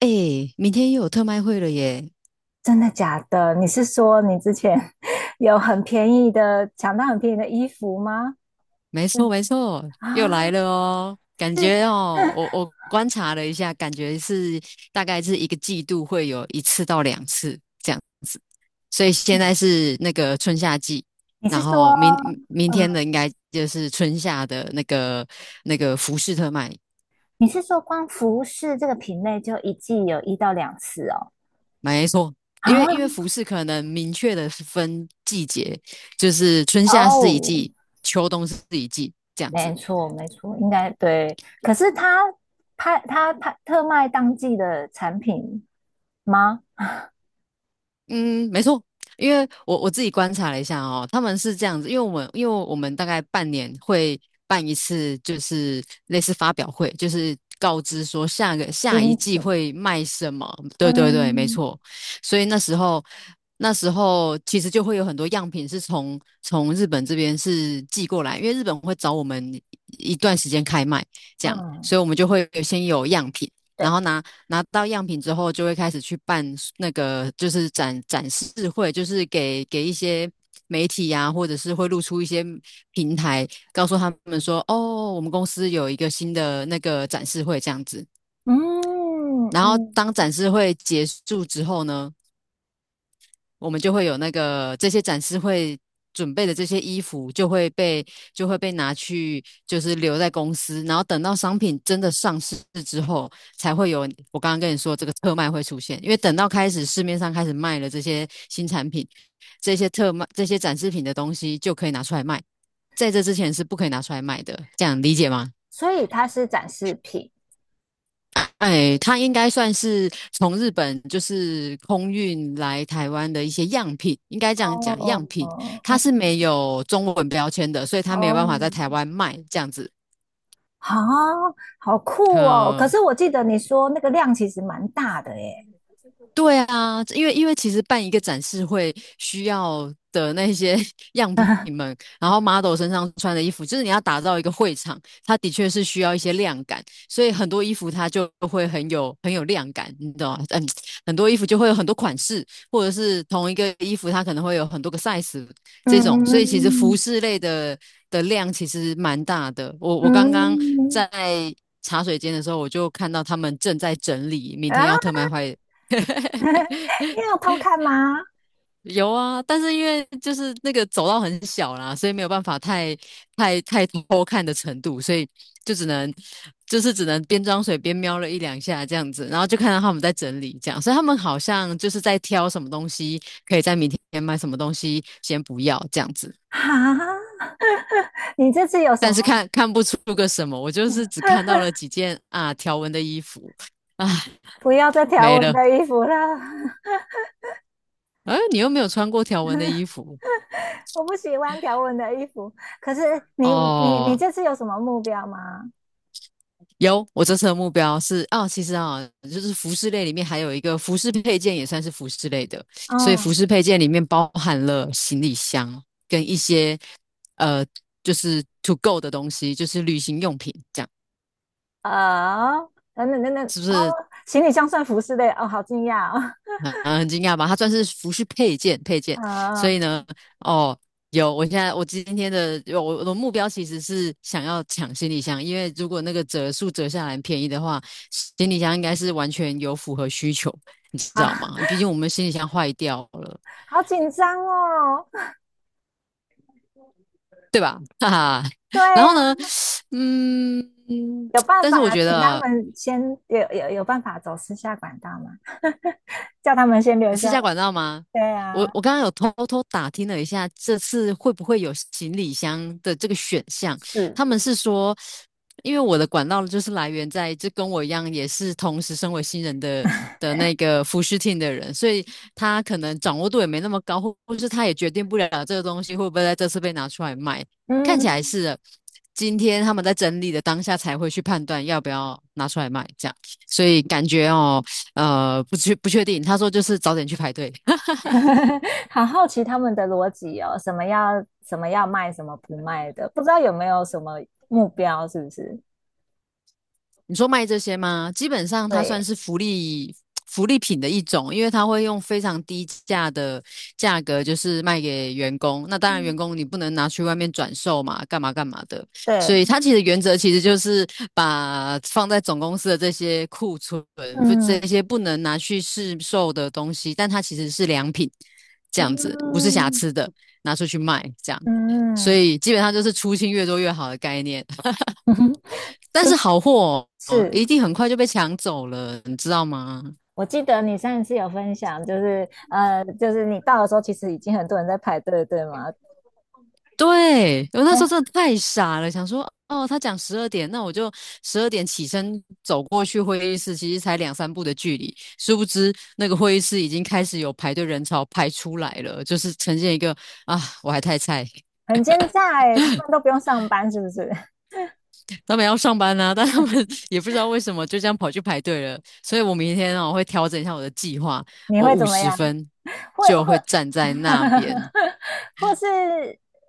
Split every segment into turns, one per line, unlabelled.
哎，明天又有特卖会了耶！
真的假的？你是说你之前 有很便宜的，抢到很便宜的衣服吗？
没错，
嗯，
没错，又
啊，
来了哦。感
是，
觉哦，我观察了一下，感觉是大概是一个季度会有一次到两次这样子。所以现在是那个春夏季，
你
然
是说，
后明天
嗯，
的应该就是春夏的那个服饰特卖。
你是说光服饰这个品类就一季有一到两次哦？
没错，
啊，
因为服饰可能明确的分季节，就是春夏是一
哦，
季，秋冬是一季这样子。
没错，没错，应该对。可是他拍特卖当季的产品吗？
嗯，没错，因为我自己观察了一下哦，他们是这样子，因为我们大概半年会办一次，就是类似发表会，就是告知说下一
新
季
品？
会卖什么。对对对，没
嗯
错。所以那时候其实就会有很多样品是从日本这边是寄过来，因为日本会找我们一段时间开卖这样，
嗯，
所以我们就会先有样品。
对，
然后拿到样品之后，就会开始去办那个就是展示会，就是给一些媒体呀、或者是会露出一些平台，告诉他们说，哦，我们公司有一个新的那个展示会这样子。
嗯
然后
嗯，
当展示会结束之后呢，我们就会有那个这些展示会准备的这些衣服就会被拿去，就是留在公司，然后等到商品真的上市之后，才会有我刚刚跟你说这个特卖会出现。因为等到开始市面上开始卖了这些新产品，这些特卖这些展示品的东西就可以拿出来卖，在这之前是不可以拿出来卖的，这样理解吗？
所以它是展示品。
哎，它应该算是从日本就是空运来台湾的一些样品，应该这样讲，样
哦，
品它
哦
是没有中文标签的，所以它没有办
哦，
法在台湾卖这样子。
啊，好酷哦！可
嗯，
是我记得你说那个量其实蛮大的耶。
对啊，因为其实办一个展示会需要的那些 样品 们，然后 model 身上穿的衣服，就是你要打造一个会场，它的确是需要一些亮感，所以很多衣服它就会很有亮感，你懂吗？嗯，很多衣服就会有很多款式，或者是同一个衣服它可能会有很多个 size 这种，所以其实服
嗯
饰类的量其实蛮大的。我刚刚
嗯，
在茶水间的时候，我就看到他们正在整理明天
啊，
要特卖会。
你有偷看吗？
有啊，但是因为就是那个走道很小啦，所以没有办法太多看的程度，所以就只能就是只能边装水边瞄了一两下这样子，然后就看到他们在整理这样，所以他们好像就是在挑什么东西可以在明天买，什么东西先不要这样子，
啊，你这次有什
但是
么？
看不出个什么，我就是只看到了几件啊条纹的衣服，唉，
不要再条
没
纹
了，
的衣服了。
哎，你又没有穿过条纹的衣服。
我不喜欢条纹的衣服。可是你
哦，
这次有什么目标吗？
有，我这次的目标是啊，其实啊，就是服饰类里面还有一个服饰配件也算是服饰类的，所以服
嗯，
饰配件里面包含了行李箱跟一些呃，就是 to go 的东西，就是旅行用品，这样
啊，等等等等，
是不是
哦，行李箱算服饰类，哦，好惊讶哦。
很惊讶吧？它算是服饰配 件，所
啊，
以呢，哦，有，我现在我今天的有我我的目标其实是想要抢行李箱，因为如果那个折数折下来很便宜的话，行李箱应该是完全有符合需求，你知
啊，
道吗？毕竟我们行李箱坏掉了，
好紧张哦。
对吧？哈哈。
对
然
呀、
后呢，
啊，
嗯，
有办
但是我
法
觉
请他
得
们先有办法走私下管道吗？叫他们先留
你私
下来。
家管道吗？
对
我
呀、
我刚刚有偷偷打听了一下，这次会不会有行李箱的这个选项？
是，
他们是说，因为我的管道就是来源在，就跟我一样，也是同时身为新人的那个服饰 team 的人，所以他可能掌握度也没那么高，或是他也决定不了这个东西会不会在这次被拿出来卖。看起来
嗯。
是的今天他们在整理的当下才会去判断要不要拿出来卖，这样，所以感觉哦。不确定。他说就是早点去排队。
好好奇他们的逻辑哦，什么要什么要卖，什么不卖的，不知道有没有什么目标，是不是？
你说卖这些吗？基本上它算
对，
是福利品的一种，因为它会用非常低价的价格，就是卖给员工。那当然，员
嗯，
工你不能拿去外面转售嘛，干嘛干嘛的。所
对，
以它其实原则其实就是把放在总公司的这些库存，不
嗯
这些不能拿去市售的东西，但它其实是良品，这样子不是瑕
嗯
疵的，拿出去卖这样。所
嗯。
以基本上就是出清越多越好的概念。
嗯。
但是
春，
好货、哦、
是，
一定很快就被抢走了，你知道吗？
我记得你上一次有分享，就是就是你到的时候，其实已经很多人在排队，对吗？
对，我那时
嗯，
候真的太傻了，想说哦，他讲十二点，那我就十二点起身走过去会议室，其实才两三步的距离，殊不知那个会议室已经开始有排队人潮排出来了，就是呈现一个啊，我还太菜，
很奸诈哎，他们都不用上班，是不是？
他们要上班啊，但他们 也不知道为什么就这样跑去排队了，所以我明天哦会调整一下我的计划，
你
我
会
五
怎么
十
样？
分
会
就
会。
会站在那边。
或是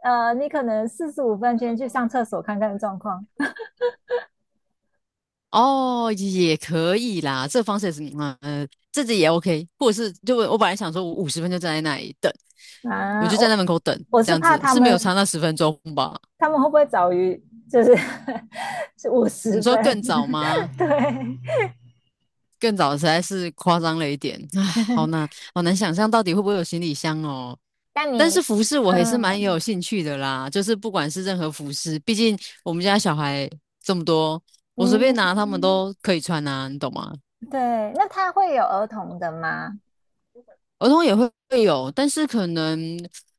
你可能45分先去上厕所看看状况。
哦，也可以啦，这个方式也是，嗯，这个也 OK，或者是就我本来想说，我五十分就站在那里等，我
啊，
就站在
我，
门口等，
我
这
是
样
怕
子
他
是没有差
们，
那10分钟吧？
他们会不会早于就是 是五
你
十
说
分？
更早吗？
对，
更早实在是夸张了一点，唉，好难，好难想象到底会不会有行李箱哦。
但
但是
你，
服饰我还是蛮有
嗯
兴趣的啦，就是不管是任何服饰，毕竟我们家小孩这么多，我随便
嗯。
拿他们都可以穿啊，你懂吗？
对，那他会有儿童的吗？
儿童也会有，但是可能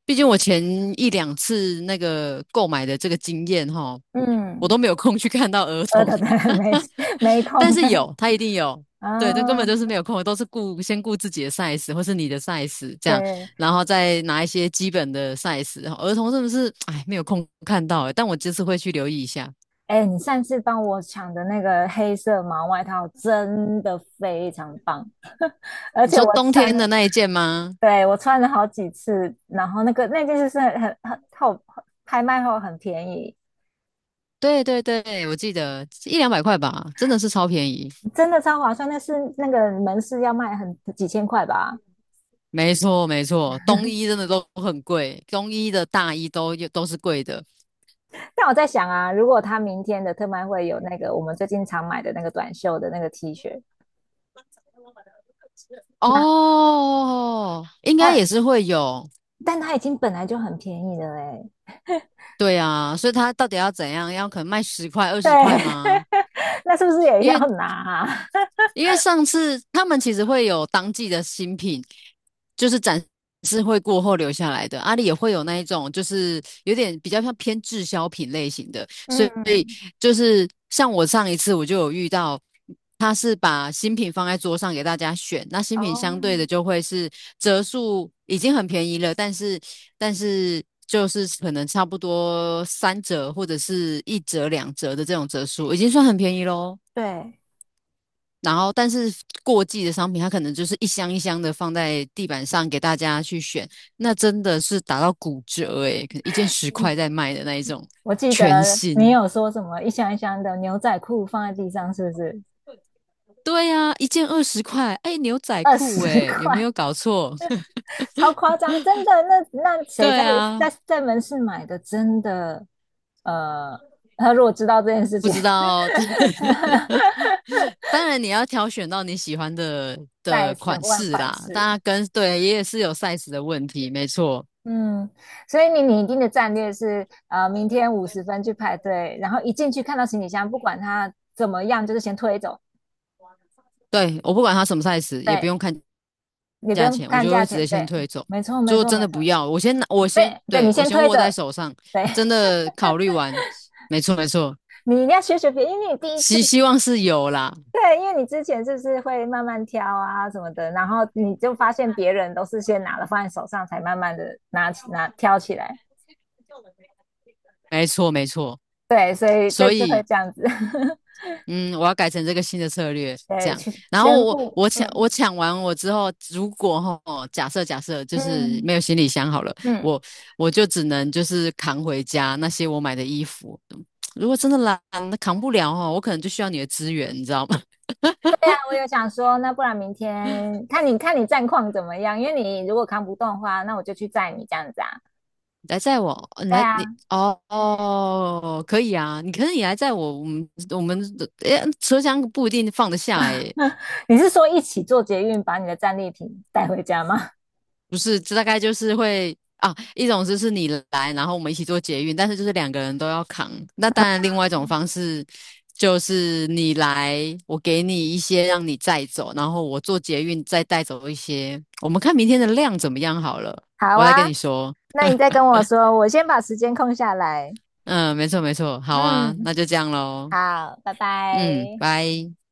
毕竟我前一两次那个购买的这个经验哈，我都
嗯，
没有空去看到儿
儿
童，
童的 没，没
但
空
是
的。
有，他一定有。对，这根
啊，
本就是没有空，都是先顾自己的 size 或是你的 size 这样，
对。
然后再拿一些基本的 size。儿童是不是，哎，没有空看到欸但我这次会去留意一下。
哎，你上次帮我抢的那个黑色毛外套真的非常棒。而
你
且
说
我
冬
穿
天
了，
的那一件吗？
对，我穿了好几次，然后那件就是很后，拍卖后很便宜。
对对对，我记得一两百块吧，真的是超便宜。
真的超划算。那是那个门市要卖很几千块吧？
没错，没错，冬衣真的都很贵，冬衣的大衣都是贵的。
但我在想啊，如果他明天的特卖会有那个我们最近常买的那个短袖的那个 T 恤，那，
哦，应该也
但，
是会有，
但它已经本来就很便宜了嘞。
对啊，所以他到底要怎样？要可能卖十块、二
对。
十块吗？
那是不是也
因
要
为。
拿啊。
因为上次他们其实会有当季的新品，就是展示会过后留下来的。阿里也会有那一种，就是有点比较像偏滞销品类型的，所以
嗯，
就是像我上一次我就有遇到，他是把新品放在桌上给大家选，那新品
哦，
相对的就会是折数已经很便宜了，但是。就是可能差不多三折或者是一折两折的这种折数，已经算很便宜喽。
对，
然后，但是过季的商品，它可能就是一箱一箱的放在地板上给大家去选，那真的是打到骨折诶、可能一件十块在卖的那一种
我记
全
得你
新。
有说什么一箱一箱的牛仔裤放在地上，是不是？
对啊，一件二十块，哎，牛仔
二
裤
十
诶、有没
块，
有搞错？
超夸张，真的。那那谁
对
在
啊，
在门市买的？真的，呃，他如果知道这件事
不
情。
知道。当然你要挑选到你喜欢
再
的
一次
款
问
式
反
啦，大家
噬。
跟对也是有 size 的问题，没错。
嗯，所以你拟定的战略是，明天五十分去排队，然后一进去看到行李箱，不管它怎么样，就是先推走。
对，我不管它什么 size，也不
对，
用看
你不
价
用
钱，我
看
就会
价
直
钱。
接先
对，
退走。
没错，
如
没
果
错，
真
没
的
错。
不要，我先拿，
对，对，
对，
你
我
先
先
推
握在
着。
手上，
对。
真的考虑完，没错没错，
你一定要学学别人，因为你第一次，
希望是有啦，
对，因为你之前就是会慢慢挑啊什么的，然后你就发现别人都是先拿了放在手上，才慢慢的拿挑起来。
没错没错。
对，所以这
所
次会
以
这样子。
嗯，我要改成这个新的策略，这
对，
样。
全
然后
全
我
部，
我抢我
嗯
抢完之后，如果哈假设就是没
嗯。
有行李箱好了，
嗯，
我我就只能就是扛回家那些我买的衣服。如果真的懒，扛不了哦，我可能就需要你的资源，你知道吗？
我有想说，那不然明天看你战况怎么样？因为你如果扛不动的话，那我就去载你这样子啊。
来载我，呃你
对
来你
啊。
哦哦，可以啊，可是你来载我，我们诶，车厢不一定放得下诶，
你是说一起坐捷运把你的战利品带回家吗？
不是，这大概就是会啊，一种就是你来，然后我们一起做捷运，但是就是两个人都要扛。那当然，另外一种方式就是你来，我给你一些让你载走，然后我做捷运再带走一些。我们看明天的量怎么样好了，
好
我来跟
啊，
你说。
那你再跟我说，我先把时间空下来。
嗯，没错没错，好啊，
嗯，
那就这样喽。
好，拜
嗯，
拜。
拜。